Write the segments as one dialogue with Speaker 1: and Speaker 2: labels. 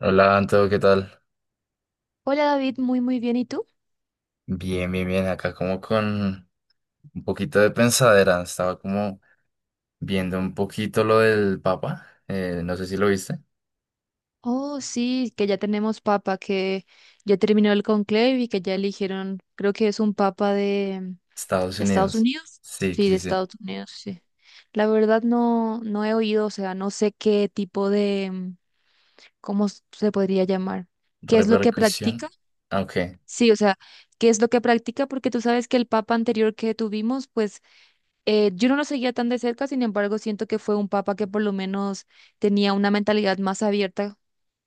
Speaker 1: Hola, Anto, ¿qué tal?
Speaker 2: Hola, David, muy muy bien. ¿Y tú?
Speaker 1: Bien, bien, bien. Acá como con un poquito de pensadera. Estaba como viendo un poquito lo del Papa. No sé si lo viste.
Speaker 2: Oh, sí, que ya tenemos papa, que ya terminó el conclave y que ya eligieron, creo que es un papa de,
Speaker 1: Estados
Speaker 2: de Estados
Speaker 1: Unidos.
Speaker 2: Unidos.
Speaker 1: Sí,
Speaker 2: Sí, de
Speaker 1: sí, sí.
Speaker 2: Estados Unidos, sí. La verdad no, no he oído, o sea, no sé qué tipo de, ¿cómo se podría llamar? ¿Qué es lo que practica?
Speaker 1: Repercusión. Ah, Ok.
Speaker 2: Sí, o sea, ¿qué es lo que practica? Porque tú sabes que el papa anterior que tuvimos, pues yo no lo seguía tan de cerca, sin embargo, siento que fue un papa que por lo menos tenía una mentalidad más abierta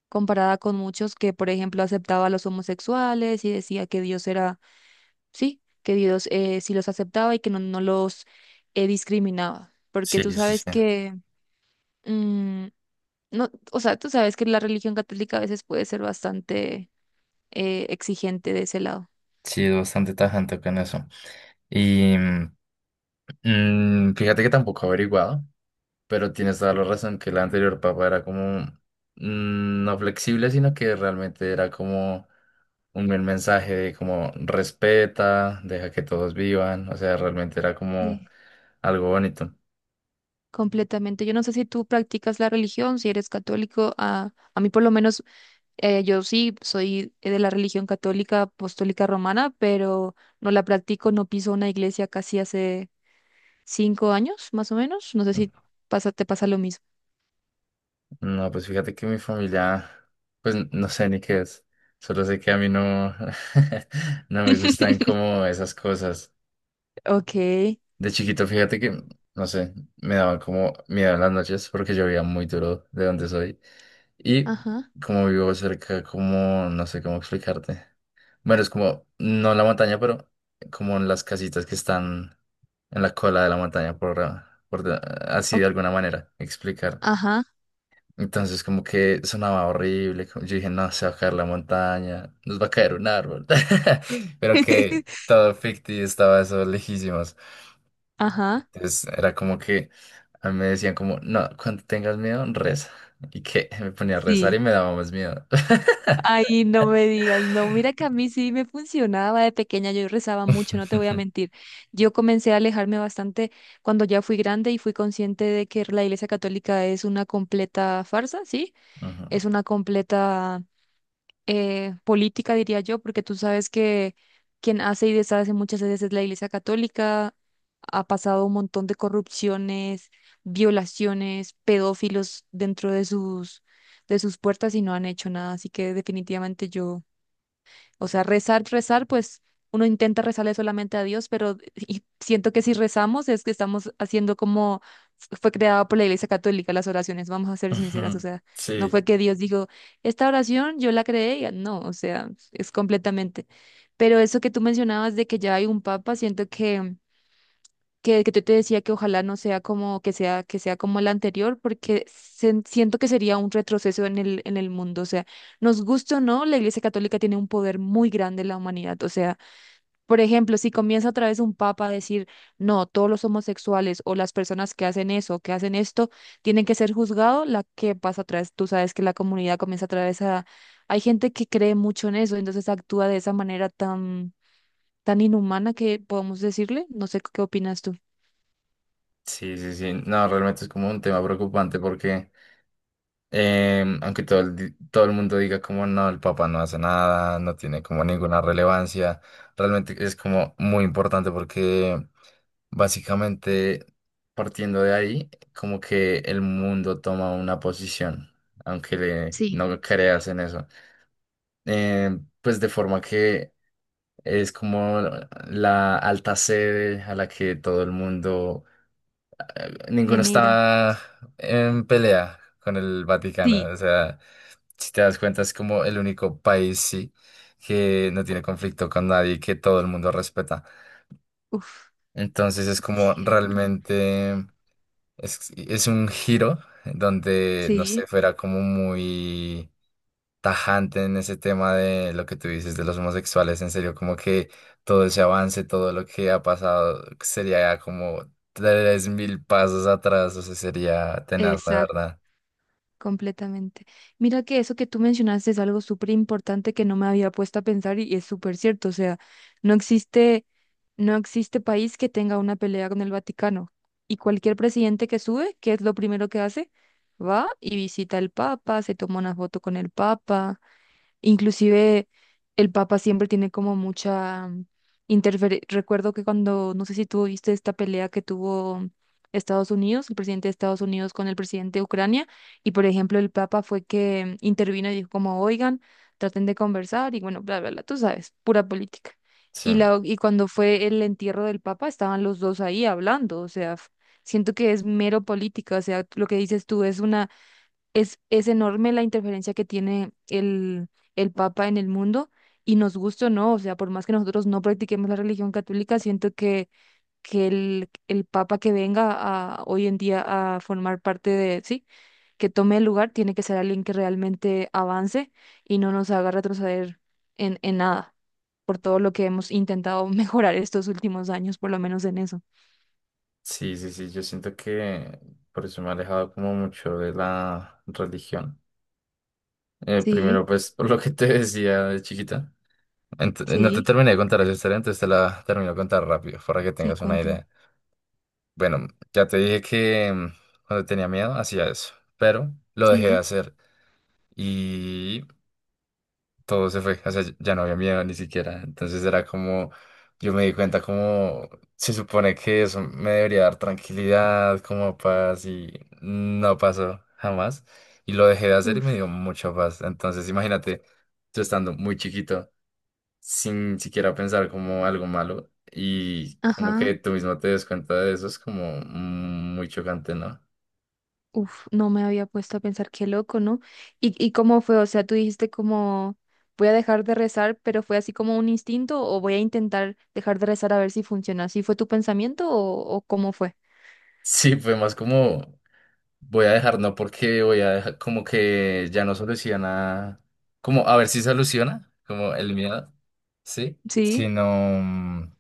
Speaker 2: comparada con muchos que, por ejemplo, aceptaba a los homosexuales y decía que Dios era, sí, que Dios sí los aceptaba y que no, no los discriminaba, porque
Speaker 1: Sí,
Speaker 2: tú
Speaker 1: sí, sí.
Speaker 2: sabes que, mm, no, o sea, tú sabes que la religión católica a veces puede ser bastante exigente de ese lado.
Speaker 1: Sí, es bastante tajante con eso. Y mm, Fíjate que tampoco he averiguado. Pero tienes toda la razón que el anterior papa era como no flexible, sino que realmente era como un buen mensaje de como respeta, deja que todos vivan, o sea, realmente era como
Speaker 2: Sí.
Speaker 1: algo bonito.
Speaker 2: Completamente. Yo no sé si tú practicas la religión, si eres católico, a mí por lo menos. Yo sí soy de la religión católica apostólica romana, pero no la practico, no piso una iglesia casi hace 5 años, más o menos. No sé si te pasa lo mismo.
Speaker 1: No, pues fíjate que mi familia, pues no sé ni qué es, solo sé que a mí no, no me gustan como esas cosas.
Speaker 2: Ok,
Speaker 1: De chiquito, fíjate que, no sé, me daban como miedo en las noches porque llovía muy duro de donde soy. Y
Speaker 2: ajá,
Speaker 1: como vivo cerca, como, no sé cómo explicarte. Bueno, es como, no la montaña, pero como en las casitas que están en la cola de la montaña, por así
Speaker 2: ok,
Speaker 1: de alguna manera explicar.
Speaker 2: ajá,
Speaker 1: Entonces como que sonaba horrible, yo dije, no, se va a caer la montaña, nos va a caer un árbol. Pero que todo ficti estaba eso lejísimos.
Speaker 2: ajá,
Speaker 1: Entonces era como que a mí me decían como, no, cuando tengas miedo, reza. Y que me ponía a rezar
Speaker 2: sí.
Speaker 1: y me daba más miedo.
Speaker 2: Ay, no me digas, no, mira que a mí sí me funcionaba de pequeña, yo rezaba mucho, no te voy a mentir. Yo comencé a alejarme bastante cuando ya fui grande y fui consciente de que la Iglesia Católica es una completa farsa, ¿sí?
Speaker 1: Ujú,
Speaker 2: Es una completa política, diría yo, porque tú sabes que quien hace y deshace muchas veces es la Iglesia Católica, ha pasado un montón de corrupciones, violaciones, pedófilos dentro de sus puertas y no han hecho nada, así que definitivamente yo, o sea, rezar, rezar, pues uno intenta rezarle solamente a Dios, pero y siento que si rezamos es que estamos haciendo como fue creado por la Iglesia Católica las oraciones, vamos a ser sinceras, o
Speaker 1: ujú.
Speaker 2: sea, no
Speaker 1: Sí,
Speaker 2: fue que Dios dijo, esta oración yo la creé, no, o sea, es completamente. Pero eso que tú mencionabas de que ya hay un papa, siento que que yo te decía que ojalá no sea como que sea como la anterior porque siento que sería un retroceso en el mundo, o sea, nos guste o no, la Iglesia Católica tiene un poder muy grande en la humanidad, o sea, por ejemplo, si comienza otra vez un papa a decir, "No, todos los homosexuales o las personas que hacen eso, que hacen esto, tienen que ser juzgados", la que pasa otra vez, tú sabes que la comunidad comienza otra vez a hay gente que cree mucho en eso, entonces actúa de esa manera tan tan inhumana que podemos decirle, no sé qué opinas tú.
Speaker 1: sí, sí, sí. No, realmente es como un tema preocupante porque aunque todo el mundo diga como no, el Papa no hace nada, no tiene como ninguna relevancia, realmente es como muy importante porque básicamente partiendo de ahí, como que el mundo toma una posición, aunque
Speaker 2: Sí.
Speaker 1: no creas en eso. Pues de forma que es como la alta sede a la que todo el mundo ninguno
Speaker 2: Genera.
Speaker 1: está en pelea con el Vaticano.
Speaker 2: Sí.
Speaker 1: O sea, si te das cuenta, es como el único país, sí, que no tiene conflicto con nadie, y que todo el mundo respeta.
Speaker 2: Uf,
Speaker 1: Entonces es como
Speaker 2: cierto.
Speaker 1: realmente es un giro donde, no
Speaker 2: Sí,
Speaker 1: sé, fuera como muy tajante en ese tema de lo que tú dices de los homosexuales, en serio, como que todo ese avance, todo lo que ha pasado, sería como 3.000 pasos atrás, o sea, sería tenaz, la
Speaker 2: exacto,
Speaker 1: verdad.
Speaker 2: completamente. Mira que eso que tú mencionaste es algo súper importante que no me había puesto a pensar y es súper cierto. O sea, no existe, no existe país que tenga una pelea con el Vaticano. Y cualquier presidente que sube, ¿qué es lo primero que hace? Va y visita al Papa, se toma una foto con el Papa. Inclusive el Papa siempre tiene como mucha interferencia. Recuerdo que cuando, no sé si tú viste esta pelea que tuvo Estados Unidos, el presidente de Estados Unidos con el presidente de Ucrania, y por ejemplo el Papa fue que intervino y dijo como, oigan, traten de conversar y bueno, bla, bla, bla, tú sabes, pura política.
Speaker 1: Sí,
Speaker 2: Y cuando fue el entierro del Papa, estaban los dos ahí hablando, o sea, siento que es mero política, o sea, lo que dices tú es es enorme la interferencia que tiene el Papa en el mundo y nos gusta o no, o sea, por más que nosotros no practiquemos la religión católica, siento que el Papa que venga hoy en día a formar parte de, sí, que tome el lugar, tiene que ser alguien que realmente avance y no nos haga retroceder en, nada, por todo lo que hemos intentado mejorar estos últimos años, por lo menos en eso.
Speaker 1: sí, sí, sí, yo siento que por eso me he alejado como mucho de la religión. Primero,
Speaker 2: Sí,
Speaker 1: pues, por lo que te decía de chiquita. No te
Speaker 2: sí,
Speaker 1: terminé de contar esa historia, entonces te la termino de contar rápido para que
Speaker 2: sí,
Speaker 1: tengas una
Speaker 2: cuéntame.
Speaker 1: idea. Bueno, ya te dije que cuando tenía miedo hacía eso, pero lo dejé de
Speaker 2: Sí,
Speaker 1: hacer y todo se fue, o sea, ya no había miedo ni siquiera. Entonces era como, yo me di cuenta como se supone que eso me debería dar tranquilidad, como paz y no pasó jamás. Y lo dejé de hacer y me
Speaker 2: uf,
Speaker 1: dio mucha paz. Entonces imagínate, yo estando muy chiquito sin siquiera pensar como algo malo y como
Speaker 2: ajá.
Speaker 1: que tú mismo te des cuenta de eso es como muy chocante, ¿no?
Speaker 2: Uf, no me había puesto a pensar, qué loco, ¿no? ¿Y cómo fue? O sea, tú dijiste como, voy a dejar de rezar, pero fue así como un instinto o voy a intentar dejar de rezar a ver si funciona. ¿Así fue tu pensamiento o cómo fue?
Speaker 1: Sí, fue más como voy a dejar, no porque voy a dejar, como que ya no soluciona, como a ver si soluciona, como el miedo, ¿sí?
Speaker 2: Sí,
Speaker 1: Sino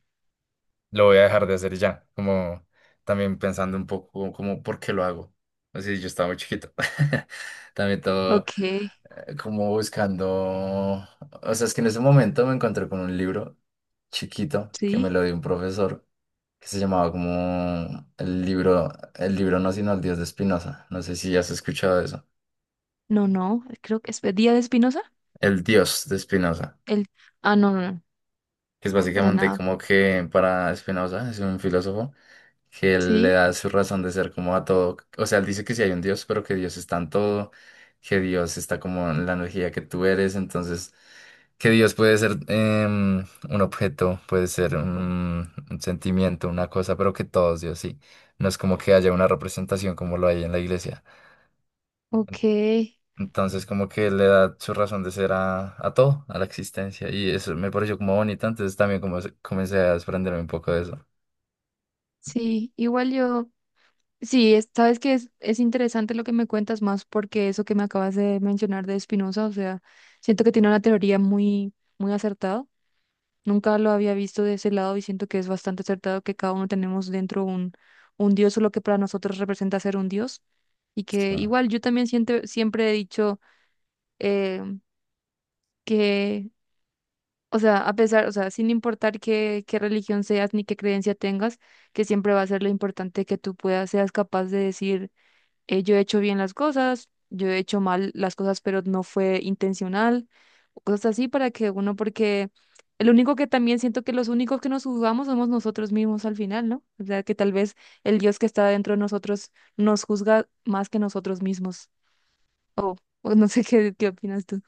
Speaker 1: lo voy a dejar de hacer ya, como también pensando un poco como por qué lo hago. Así yo estaba muy chiquito. También todo
Speaker 2: ok,
Speaker 1: como buscando, o sea, es que en ese momento me encontré con un libro chiquito que me
Speaker 2: sí,
Speaker 1: lo dio un profesor que se llamaba como el libro no, sino el Dios de Spinoza. No sé si has escuchado eso.
Speaker 2: no, no, creo que es Día de Espinosa.
Speaker 1: El Dios de Spinoza,
Speaker 2: El... Ah, no, no, no,
Speaker 1: que es
Speaker 2: para
Speaker 1: básicamente
Speaker 2: nada.
Speaker 1: como que para Spinoza es un filósofo que él le
Speaker 2: Sí,
Speaker 1: da su razón de ser como a todo. O sea, él dice que sí hay un Dios, pero que Dios está en todo, que Dios está como en la energía que tú eres, entonces que Dios puede ser un objeto, puede ser un sentimiento, una cosa, pero que todo es Dios, sí. No es como que haya una representación como lo hay en la iglesia.
Speaker 2: ok,
Speaker 1: Entonces como que le da su razón de ser a todo, a la existencia, y eso me pareció como bonito, entonces también como comencé a desprenderme un poco de eso.
Speaker 2: sí, igual yo. Sí, sabes que es interesante lo que me cuentas más porque eso que me acabas de mencionar de Spinoza, o sea, siento que tiene una teoría muy, muy acertada. Nunca lo había visto de ese lado y siento que es bastante acertado que cada uno tenemos dentro un Dios o lo que para nosotros representa ser un Dios. Y que
Speaker 1: Sí.
Speaker 2: igual yo también siento, siempre he dicho eh, que, o sea, a pesar, o sea, sin importar qué religión seas ni qué creencia tengas, que siempre va a ser lo importante que tú puedas, seas capaz de decir yo he hecho bien las cosas, yo he hecho mal las cosas, pero no fue intencional, o cosas así para que uno, porque el único que también siento que los únicos que nos juzgamos somos nosotros mismos al final, ¿no? O sea, que tal vez el Dios que está dentro de nosotros nos juzga más que nosotros mismos, o o no sé qué opinas tú.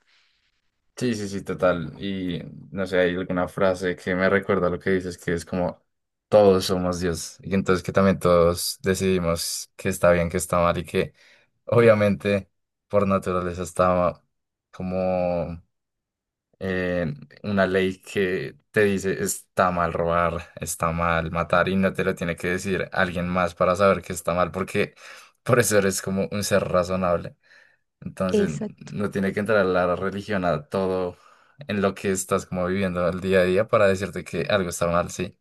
Speaker 1: Sí, sí, sí, total. Y no sé, hay alguna frase que me recuerda lo que dices, que es como todos somos Dios. Y entonces que también todos decidimos que está bien, que está mal y que obviamente por naturaleza está como eh, una ley que te dice está mal robar, está mal matar y no te lo tiene que decir alguien más para saber que está mal porque por eso eres como un ser razonable. Entonces, no tiene que entrar la religión a todo en lo que estás como viviendo el día a día para decirte que algo está mal, sí.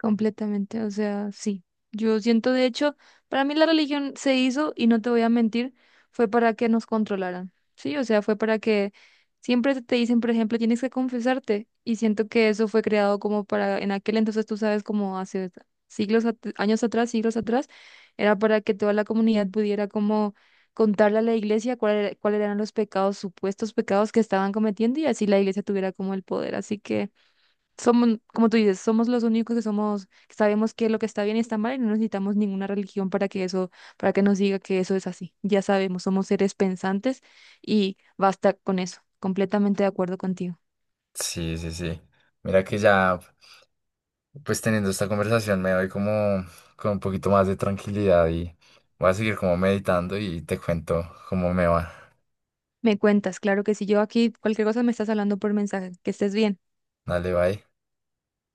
Speaker 2: Completamente, o sea, sí. Yo siento, de hecho, para mí la religión se hizo, y no te voy a mentir, fue para que nos controlaran, ¿sí? O sea, fue para que siempre te dicen, por ejemplo, tienes que confesarte, y siento que eso fue creado como para, en aquel entonces, tú sabes, como hace siglos, años atrás, siglos atrás, era para que toda la comunidad pudiera como contarle a la iglesia cuáles eran los pecados, supuestos pecados que estaban cometiendo, y así la iglesia tuviera como el poder. Así que somos, como tú dices, somos los únicos que sabemos qué es lo que está bien y está mal y no necesitamos ninguna religión para que eso, para que nos diga que eso es así. Ya sabemos, somos seres pensantes y basta con eso. Completamente de acuerdo contigo.
Speaker 1: Sí, sí, sí. Mira que ya, pues teniendo esta conversación me doy como con un poquito más de tranquilidad y voy a seguir como meditando y te cuento cómo me va.
Speaker 2: Me cuentas, claro que si yo aquí cualquier cosa me estás hablando por mensaje. Que estés bien.
Speaker 1: Dale, bye.